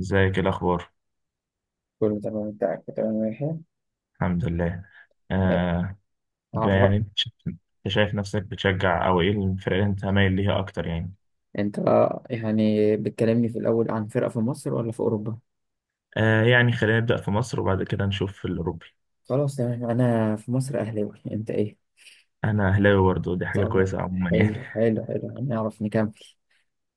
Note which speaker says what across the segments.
Speaker 1: ازيك؟ إيه الاخبار؟
Speaker 2: كله تمام، انت تمام؟ ماشي.
Speaker 1: الحمد لله.
Speaker 2: إيه.
Speaker 1: آه. يعني
Speaker 2: اه.
Speaker 1: انت أنت شايف نفسك بتشجع او ايه الفرق اللي انت مايل ليها اكتر يعني؟
Speaker 2: انت يعني بتكلمني في الاول عن فرقة في مصر ولا في اوروبا؟
Speaker 1: آه، يعني خلينا نبدا في مصر وبعد كده نشوف في الاوروبي.
Speaker 2: خلاص، تمام. انا في مصر اهلاوي. انت ايه؟
Speaker 1: انا اهلاوي برضه، دي حاجه
Speaker 2: طب
Speaker 1: كويسه عموما يعني.
Speaker 2: حلو حلو حلو، هنعرف نكمل.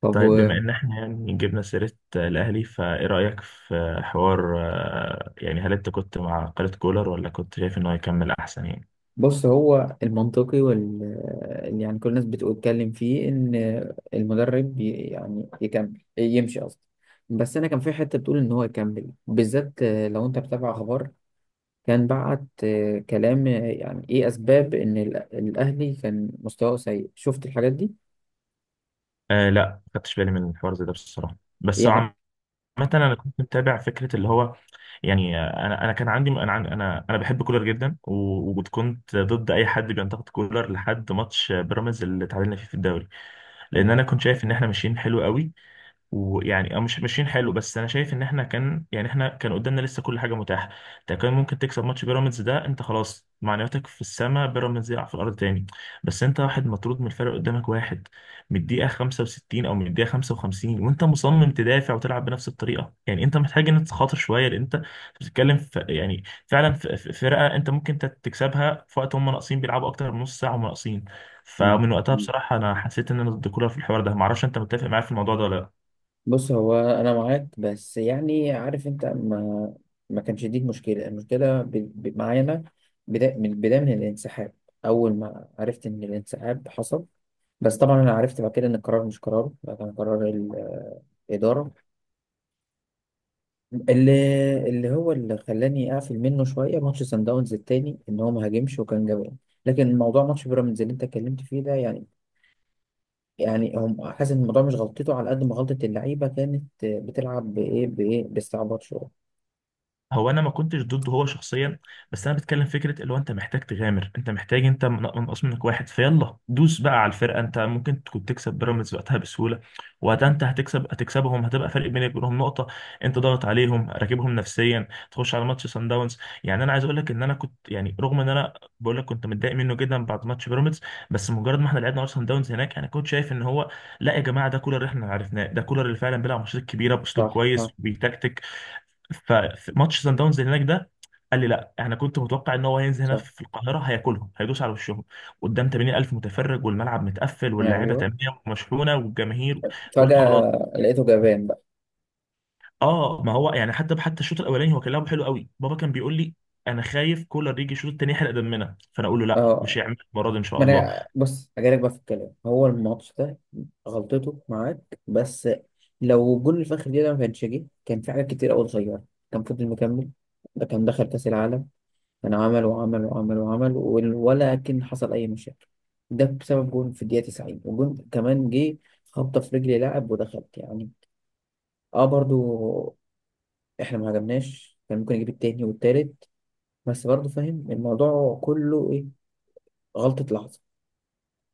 Speaker 2: طب.
Speaker 1: طيب، بما ان احنا يعني جبنا سيره، الاهلي، فايه رايك في حوار، يعني هل انت كنت مع قلة كولر ولا كنت شايف انه هيكمل احسن يعني؟
Speaker 2: بص، هو المنطقي اللي يعني كل الناس بتتكلم فيه ان المدرب يعني يكمل، يمشي قصدي. بس انا كان في حته بتقول ان هو يكمل، بالذات لو انت بتابع اخبار. كان بعت كلام. يعني ايه اسباب ان الاهلي كان مستواه سيء؟ شفت الحاجات دي؟
Speaker 1: آه لا، ما خدتش بالي من الحوار زي ده بصراحه، بس
Speaker 2: يعني.
Speaker 1: هو، مثلا، انا كنت متابع فكره اللي هو، يعني انا كان عندي انا عن- انا انا بحب كولر جدا و- وكنت ضد اي حد بينتقد كولر لحد ماتش بيراميدز اللي تعادلنا فيه في الدوري. لان انا كنت شايف ان احنا ماشيين حلو قوي. ويعني مش ماشيين حلو، بس انا شايف ان احنا كان قدامنا لسه كل حاجه متاحه. انت كان ممكن تكسب ماتش بيراميدز ده، انت خلاص معنوياتك في السماء، بيراميدز يقع في الارض تاني. بس انت واحد مطرود من الفرق، قدامك واحد من الدقيقه 65 او من الدقيقه 55، وانت مصمم تدافع وتلعب بنفس الطريقه. يعني انت محتاج ان تخاطر شويه، لان انت بتتكلم في يعني فعلا في فرقه انت ممكن تكسبها في وقت هم ناقصين، بيلعبوا اكتر من نص ساعه هم ناقصين.
Speaker 2: مم.
Speaker 1: فمن وقتها
Speaker 2: مم.
Speaker 1: بصراحه انا حسيت ان انا ضد كولر في الحوار ده. معرفش انت متفق معايا في الموضوع ده ولا.
Speaker 2: بص، هو انا معاك، بس يعني عارف انت ما كانش دي المشكله. المشكله معايا انا. من البدايه، من الانسحاب. اول ما عرفت ان الانسحاب حصل. بس طبعا انا عرفت بعد كده ان القرار مش قرار، ده كان قرار الاداره. اللي اللي خلاني اقفل منه شويه ماتش سان داونز التاني، ان هو ما هاجمش وكان جبان. لكن موضوع ماتش بيراميدز اللي انت اتكلمت فيه ده، يعني هم حاسس ان الموضوع مش غلطته، على قد ما غلطه اللعيبه كانت بتلعب بايه بايه، باستعباط شويه.
Speaker 1: هو انا ما كنتش ضده هو شخصيا، بس انا بتكلم فكره اللي هو انت محتاج تغامر. انت محتاج، انت منقص منك واحد، فيلا دوس بقى على الفرقه. انت ممكن تكون تكسب بيراميدز وقتها بسهوله. وقتها انت هتكسبهم، هتبقى فرق بينك وبينهم نقطه. انت ضغط عليهم، راكبهم نفسيا، تخش على ماتش سان داونز. يعني انا عايز اقول لك ان انا كنت، يعني رغم ان انا بقول لك كنت متضايق منه جدا بعد ماتش بيراميدز، بس مجرد ما احنا لعبنا ماتش سان داونز هناك، انا كنت شايف ان هو، لا يا جماعه، ده كولر اللي احنا عرفناه، ده كولر اللي فعلا بيلعب ماتشات كبيره باسلوب
Speaker 2: صح،
Speaker 1: كويس
Speaker 2: صح،
Speaker 1: بيتكتك. فماتش سان داونز اللي هناك ده قال لي لا، انا كنت متوقع ان هو هينزل هنا
Speaker 2: صح.
Speaker 1: في القاهره هياكلهم، هيدوس على وشهم قدام 80000 متفرج، والملعب متقفل، واللاعيبه
Speaker 2: ايوه،
Speaker 1: تمام ومشحونه، والجماهير. قلت خلاص.
Speaker 2: فجاه لقيته جبان بقى.
Speaker 1: اه، ما هو يعني حتى الشوط الاولاني هو كان لعبه حلو قوي. بابا كان بيقول لي انا خايف كولر يجي الشوط التاني يحرق دمنا، فانا اقول له لا
Speaker 2: اه،
Speaker 1: مش هيعمل المره دي ان شاء
Speaker 2: ما
Speaker 1: الله.
Speaker 2: انا بص، هجيلك بقى في الكلام. هو الماتش ده غلطته معاك، بس لو جول الفخر دي ده ما كانش جه، كان في حاجات كتير قوي صغيره. كان فضل مكمل، ده كان دخل كاس العالم. كان عمل وعمل وعمل وعمل ولكن حصل اي مشاكل؟ ده بسبب جول في الدقيقه 90، وجول كمان جه خبطه في رجل لاعب ودخلت، يعني. اه برضو، احنا ما عجبناش، كان ممكن يجيب التاني والتالت. بس برضو فاهم الموضوع كله ايه، غلطه لحظه.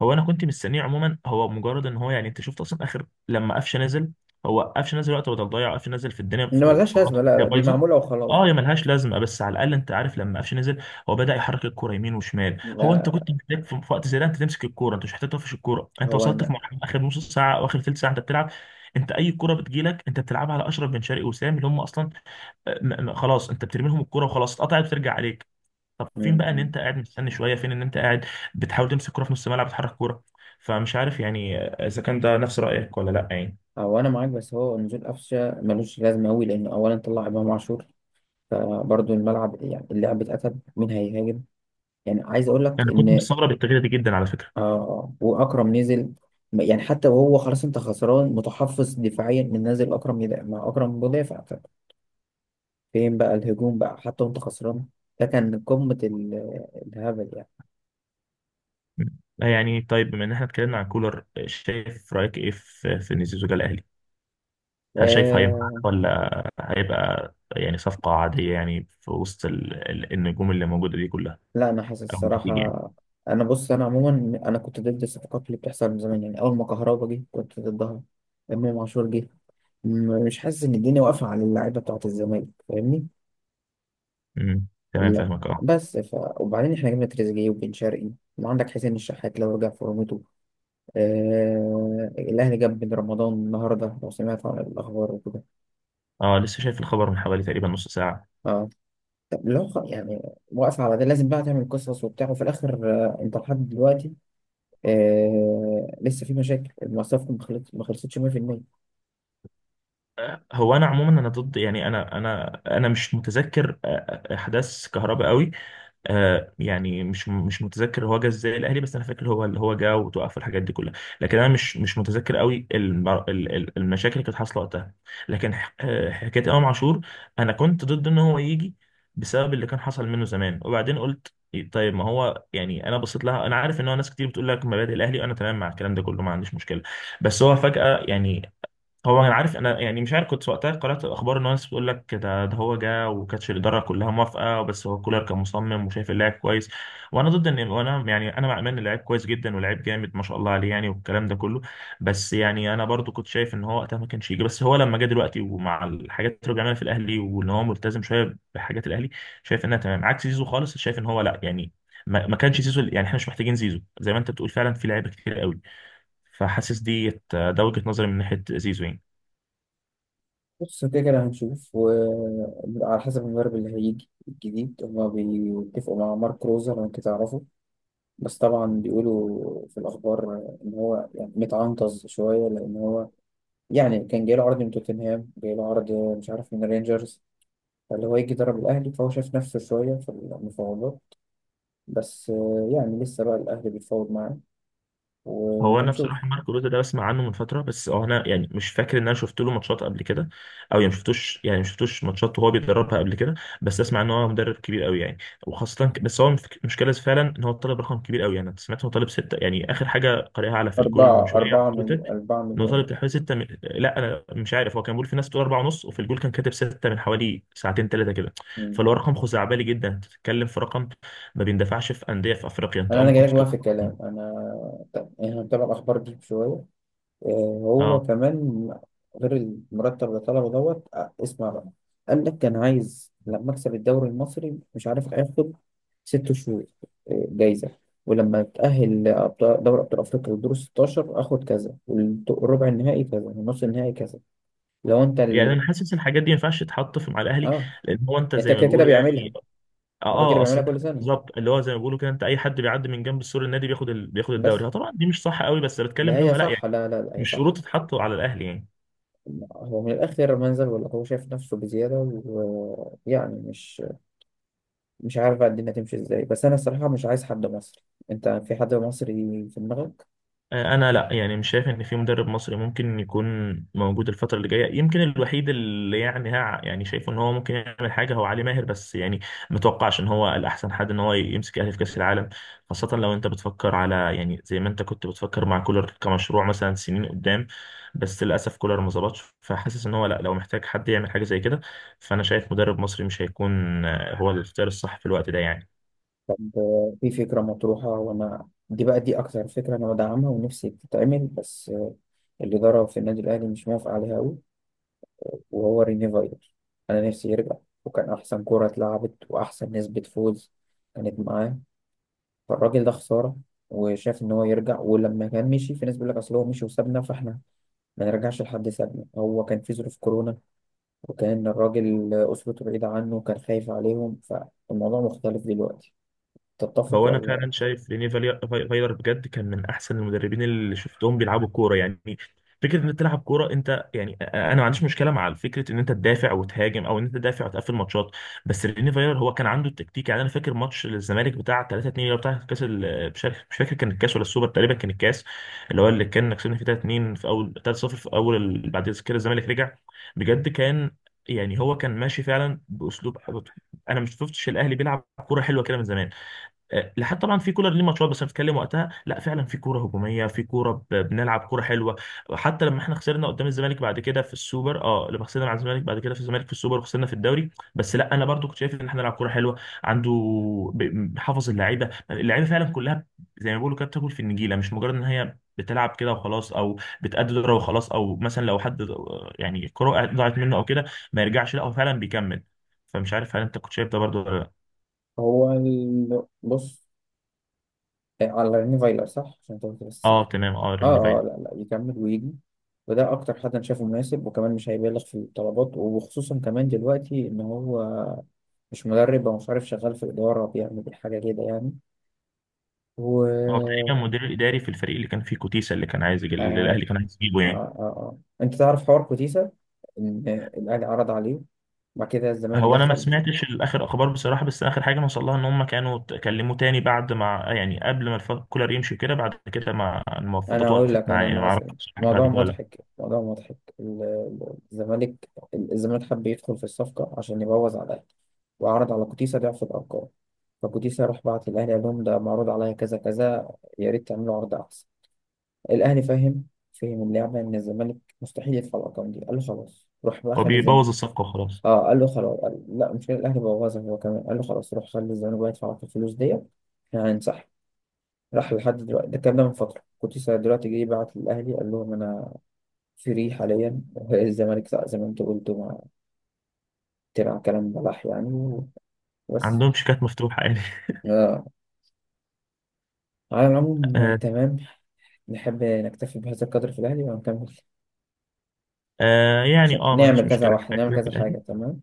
Speaker 1: هو انا كنت مستنيه عموما. هو مجرد ان هو، يعني انت شفت اصلا اخر لما قفشه نزل، هو قفشه نزل وقت بدل ضيع، قفشه نزل في الدنيا،
Speaker 2: انما
Speaker 1: في
Speaker 2: ملهاش
Speaker 1: في خط
Speaker 2: لازمه، لا، لا،
Speaker 1: الدنيا
Speaker 2: دي
Speaker 1: بايظه.
Speaker 2: معموله وخلاص.
Speaker 1: اه يا ملهاش لازمه، بس على الاقل انت عارف لما قفشه نزل، هو بدا يحرك الكوره يمين وشمال. هو انت كنت
Speaker 2: لا.
Speaker 1: محتاج في وقت زي ده انت تمسك الكوره، انت مش محتاج تقفش الكوره. انت
Speaker 2: هو
Speaker 1: وصلت في
Speaker 2: انا
Speaker 1: مرحله اخر نص ساعه او اخر ثلث ساعه انت بتلعب. انت اي كوره بتجيلك انت بتلعبها على اشرف بن شرقي وسام اللي هم اصلا، خلاص انت بترمي لهم الكوره وخلاص، اتقطعت بترجع عليك. طب فين بقى ان
Speaker 2: م.
Speaker 1: انت قاعد مستني شويه، فين ان انت قاعد بتحاول تمسك كوره في نص الملعب، تحرك كوره. فمش عارف يعني اذا كان ده نفس رايك ولا لا يعني.
Speaker 2: هو انا معاك، بس هو نزول قفشه ملوش لازمه قوي، لان اولا طلع امام عاشور. فبرضه الملعب، يعني اللعب اتقتل، مين هيهاجم؟ يعني عايز اقول لك
Speaker 1: انا كنت
Speaker 2: ان
Speaker 1: مستغرب التغيير ده جدا على فكره.
Speaker 2: واكرم نزل. يعني حتى وهو خلاص انت خسران، متحفظ دفاعيا، من نازل اكرم يدافع مع اكرم مدافع. فين بقى الهجوم بقى، حتى وانت خسران؟ ده كان قمه الهبل يعني.
Speaker 1: يعني طيب، بما ان احنا اتكلمنا عن كولر، شايف رايك ايه في ان زيزو جه الاهلي؟ هل شايف هينفع،
Speaker 2: آه
Speaker 1: ولا هيبقى يعني صفقه عاديه يعني في وسط النجوم اللي موجوده دي كلها،
Speaker 2: لا، انا حاسس
Speaker 1: او
Speaker 2: الصراحه.
Speaker 1: النتيجه يعني؟
Speaker 2: انا بص، انا عموما انا كنت ضد الصفقات اللي بتحصل من زمان، يعني اول ما كهربا جه كنت ضدها. امام عاشور جه. مش حاسس ان الدنيا واقفه على اللعيبه بتاعه الزمالك، فاهمني؟
Speaker 1: امم تمام،
Speaker 2: لا.
Speaker 1: فاهمك اه.
Speaker 2: بس وبعدين احنا جبنا تريزيجيه وبن شرقي، وعندك حسين الشحات لو رجع فورمته. الاهلي جاب بن رمضان النهارده، لو سمعت عن الاخبار وكده.
Speaker 1: اه لسه شايف الخبر من حوالي تقريبا نص ساعه.
Speaker 2: اه. طب لو يعني واقف على ده، لازم بقى تعمل قصص وبتاع، وفي الاخر انت لحد دلوقتي لسه في مشاكل. المواصفات ما خلصتش 100%.
Speaker 1: هو انا عموما انا ضد، يعني انا مش متذكر احداث كهرباء قوي. يعني مش متذكر هو جه ازاي الاهلي، بس انا فاكر هو اللي هو جه وتوقف الحاجات دي كلها. لكن انا مش متذكر قوي المشاكل اللي كانت حاصله وقتها. لكن حكايه امام عاشور، انا كنت ضد ان هو يجي بسبب اللي كان حصل منه زمان. وبعدين قلت طيب، ما هو يعني انا بصيت لها. انا عارف ان هو ناس كتير بتقول لك مبادئ الاهلي وانا تمام مع الكلام ده كله، ما عنديش مشكله، بس هو فجاه يعني. هو انا عارف انا يعني، مش عارف كنت وقتها قرأت الاخبار ان الناس بتقول لك ده هو جه وكانتش الاداره كلها موافقه بس هو كولر كان مصمم وشايف اللاعب كويس. وانا ضد ان، وانا يعني انا مع امان اللاعب كويس جدا، ولاعب جامد ما شاء الله عليه يعني والكلام ده كله. بس يعني انا برضو كنت شايف ان هو وقتها ما كانش يجي. بس هو لما جه دلوقتي ومع الحاجات اللي رجعنا في الاهلي وان هو ملتزم شويه بحاجات الاهلي، شايف انها تمام. عكس زيزو خالص، شايف ان هو لا يعني، ما كانش زيزو، يعني احنا مش محتاجين زيزو. زي ما انت بتقول فعلا في لعيبه كتير قوي. فحاسس ديت، ده وجهة نظري من ناحية زيزو يعني.
Speaker 2: بص، كده كده هنشوف، وعلى حسب المدرب اللي هيجي الجديد. هما بيتفقوا مع مارك روزر، انا كنت اعرفه. بس طبعا بيقولوا في الاخبار ان هو يعني متعنطز شويه، لان هو يعني كان جاي له عرض من توتنهام، جاي له عرض مش عارف من رينجرز. فاللي هو يجي يدرب الاهلي، فهو شايف نفسه شويه في المفاوضات. بس يعني لسه بقى الاهلي بيتفاوض معاه،
Speaker 1: هو انا
Speaker 2: وهنشوف.
Speaker 1: بصراحه مارك روتا ده بسمع عنه من فتره، بس هو انا يعني مش فاكر ان انا شفت له ماتشات قبل كده، او يعني مشفتوش ماتشات وهو بيدربها قبل كده. بس اسمع ان هو مدرب كبير قوي يعني، وخاصه بس هو المشكله فعلا ان هو طالب رقم كبير قوي يعني. انا سمعت إن هو طالب سته، يعني اخر حاجه قارئها على في الجول من شويه على تويتر،
Speaker 2: أربعة
Speaker 1: ان هو طالب تحوالي سته من، لا انا مش عارف، هو كان بيقول في ناس بتقول اربعه ونص، وفي الجول كان كاتب سته من حوالي ساعتين ثلاثه كده.
Speaker 2: مليون
Speaker 1: فاللي هو رقم خزعبلي جدا، تتكلم في رقم ما بيندفعش في انديه في افريقيا. انت
Speaker 2: انا
Speaker 1: اه
Speaker 2: انا
Speaker 1: ممكن
Speaker 2: جايلك بقى
Speaker 1: تطلب.
Speaker 2: في الكلام. انا طب احنا بنتابع الاخبار دي شويه، آه، هو
Speaker 1: اه
Speaker 2: كمان غير المرتب اللي طلبه، دوت اسمع بقى. قال لك كان عايز لما اكسب الدوري المصري، مش عارف هياخد 6 شهور جايزه. ولما اتاهل دوري ابطال افريقيا للدور 16 اخد كذا، والربع النهائي كذا، والنص النهائي كذا. لو انت
Speaker 1: يعني
Speaker 2: اللي
Speaker 1: انا حاسس الحاجات دي ما ينفعش تتحط في مع الاهلي،
Speaker 2: اه
Speaker 1: لان هو انت
Speaker 2: انت
Speaker 1: زي ما
Speaker 2: كده كده
Speaker 1: بيقولوا
Speaker 2: بيعملها.
Speaker 1: يعني. اه
Speaker 2: هو كده كده
Speaker 1: اه، اصل
Speaker 2: بيعملها
Speaker 1: انت
Speaker 2: كل
Speaker 1: كده
Speaker 2: سنه.
Speaker 1: بالظبط، اللي هو زي ما بيقولوا كده، انت اي حد بيعدي من جنب سور النادي بياخد بياخد
Speaker 2: بس
Speaker 1: الدوري. اه طبعا دي مش صح قوي، بس بتكلم
Speaker 2: لا،
Speaker 1: اللي
Speaker 2: هي
Speaker 1: هو لا
Speaker 2: صح.
Speaker 1: يعني،
Speaker 2: لا، لا، لا، هي
Speaker 1: مش شروط
Speaker 2: صح.
Speaker 1: تتحط على الاهلي يعني.
Speaker 2: هو من الآخر منزل ولا هو شايف نفسه بزيادة؟ ويعني مش عارف بقى الدنيا تمشي ازاي. بس أنا الصراحة مش عايز حد مصري. أنت في حد مصري في دماغك؟
Speaker 1: انا لا، يعني مش شايف ان في مدرب مصري ممكن يكون موجود الفتره اللي جايه. يمكن الوحيد اللي يعني ها يعني شايفه ان هو ممكن يعمل حاجه هو علي ماهر، بس يعني ما اتوقعش ان هو الاحسن حد ان هو يمسك الاهلي في كاس العالم، خاصه لو انت بتفكر على يعني زي ما انت كنت بتفكر مع كولر كمشروع مثلا سنين قدام. بس للاسف كولر ما ظبطش، فحاسس ان هو لا، لو محتاج حد يعمل حاجه زي كده، فانا شايف مدرب مصري مش هيكون هو الاختيار الصح في الوقت ده يعني.
Speaker 2: طب في فكرة مطروحة، وأنا دي بقى، دي أكتر فكرة أنا بدعمها ونفسي تتعمل. بس الإدارة في النادي الأهلي مش موافقة عليها أوي، وهو ريني فايلر. أنا نفسي يرجع، وكان أحسن كرة اتلعبت وأحسن نسبة فوز كانت معاه. فالراجل ده خسارة. وشاف إن هو يرجع. ولما كان مشي، في ناس بيقول لك أصل هو مشي وسابنا، فإحنا ما نرجعش لحد سابنا. هو كان في ظروف كورونا، وكان الراجل أسرته بعيدة عنه وكان خايف عليهم. فالموضوع مختلف دلوقتي. تتفق
Speaker 1: هو انا
Speaker 2: ولا؟
Speaker 1: فعلا شايف ريني فايلر بجد كان من احسن المدربين اللي شفتهم بيلعبوا كوره يعني. فكره ان انت تلعب كوره، انت يعني انا ما عنديش مشكله مع فكره ان انت تدافع وتهاجم او ان انت تدافع وتقفل ماتشات، بس ريني فايلر هو كان عنده التكتيك. يعني انا فاكر ماتش الزمالك بتاع 3-2، اللي هو بتاع كاس مش فاكر كان الكاس ولا السوبر، تقريبا كان الكاس، اللي كان كسبنا فيه 3-2، في اول 3-0 في اول بعد كده الزمالك رجع. بجد كان، يعني هو كان ماشي فعلا باسلوب. انا ما شفتش الاهلي بيلعب كوره حلوه كده من زمان، لحد طبعا في كولر ليه ماتشات بس هنتكلم وقتها. لا فعلا في كوره هجوميه، في كوره بنلعب كوره حلوه، حتى لما احنا خسرنا قدام الزمالك بعد كده في السوبر. اه لما خسرنا على الزمالك بعد كده في الزمالك في السوبر وخسرنا في الدوري، بس لا انا برضو كنت شايف ان احنا نلعب كوره حلوه. عنده حافظ اللعيبه، فعلا كلها زي ما بيقولوا كده بتاكل في النجيله، مش مجرد ان هي بتلعب كده وخلاص، او بتأدي دورة وخلاص، او مثلا لو حد، يعني الكوره ضاعت منه او كده ما يرجعش، لا هو فعلا بيكمل. فمش عارف هل انت كنت شايف ده برضو ولا لا.
Speaker 2: هو بص. إيه، على ريني فايلر صح، عشان تقول بس سيكا.
Speaker 1: اه تمام، اه رن.
Speaker 2: اه، اه. لا، لا، يكمل ويجي. وده أكتر حد أنا شايفه مناسب، وكمان مش هيبالغ في الطلبات، وخصوصا كمان دلوقتي إن هو مش مدرب، أو مش عارف، شغال في الإدارة بيعمل حاجة كده يعني.
Speaker 1: هو
Speaker 2: و
Speaker 1: تقريبا مدير الاداري في الفريق اللي كان فيه كوتيسا، اللي كان عايز يجي، اللي
Speaker 2: آه،
Speaker 1: الاهلي كان عايز يجيبه
Speaker 2: آه،
Speaker 1: يعني.
Speaker 2: آه، آه. انت تعرف حوار كوتيسا، ان الاهلي عرض عليه، وبعد كده الزمالك
Speaker 1: هو انا ما
Speaker 2: دخل؟
Speaker 1: سمعتش الاخر اخبار بصراحه، بس اخر حاجه نوصل لها ان هم كانوا كلموه تاني بعد ما، يعني قبل ما كولر يمشي كده، بعد كده ما
Speaker 2: انا
Speaker 1: المفاوضات
Speaker 2: هقول
Speaker 1: وقفت
Speaker 2: لك
Speaker 1: معاه
Speaker 2: انا
Speaker 1: يعني.
Speaker 2: اللي
Speaker 1: ما
Speaker 2: حصل إيه.
Speaker 1: اعرفش حاجه بعد
Speaker 2: موضوع
Speaker 1: كده لا.
Speaker 2: مضحك، موضوع مضحك. الزمالك حب يدخل في الصفقه عشان يبوظ على الاهلي، وعرض على كوتيسا ضعف الارقام. فكوتيسا راح بعت للاهلي قال لهم ده معروض عليا كذا كذا، يا ريت تعملوا عرض احسن. الاهلي فاهم، فهم اللعبه ان الزمالك مستحيل يدفع الارقام دي، قال له خلاص، روح بقى
Speaker 1: هو
Speaker 2: خلي
Speaker 1: بيبوظ الصفقه وخلاص.
Speaker 2: اه، قال له خلاص. قال لا مش كده، الاهلي بوظها هو كمان، قال له خلاص روح، خلي الزمالك بقى يدفع لك الفلوس ديت. احنا هنسحب. راح لحد دلوقتي. ده الكلام ده من فتره، كنت لسه دلوقتي جاي بعت للاهلي قال لهم انا فري حاليا. الزمالك ساق، زي ما انت قلت، ما تبع، كلام بلح يعني. بس
Speaker 1: عندهم شيكات مفتوحه يعني.
Speaker 2: آه. على العموم
Speaker 1: آه.
Speaker 2: تمام. نحب نكتفي بهذا القدر في الاهلي ونكمل،
Speaker 1: آه يعني
Speaker 2: عشان
Speaker 1: اه ما عنديش
Speaker 2: نعمل كذا
Speaker 1: مشكله،
Speaker 2: واحد،
Speaker 1: كفايه
Speaker 2: نعمل
Speaker 1: كده في
Speaker 2: كذا
Speaker 1: الاهلي.
Speaker 2: حاجه. تمام.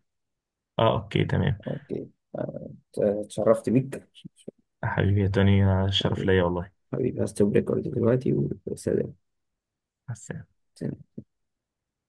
Speaker 1: اه اوكي تمام.
Speaker 2: اوكي. آه، اتشرفت بيك.
Speaker 1: حبيبي يا توني، الشرف ليا والله.
Speaker 2: حبيبي، هستوب ريكورد دلوقتي. وسلام.
Speaker 1: مع السلامه.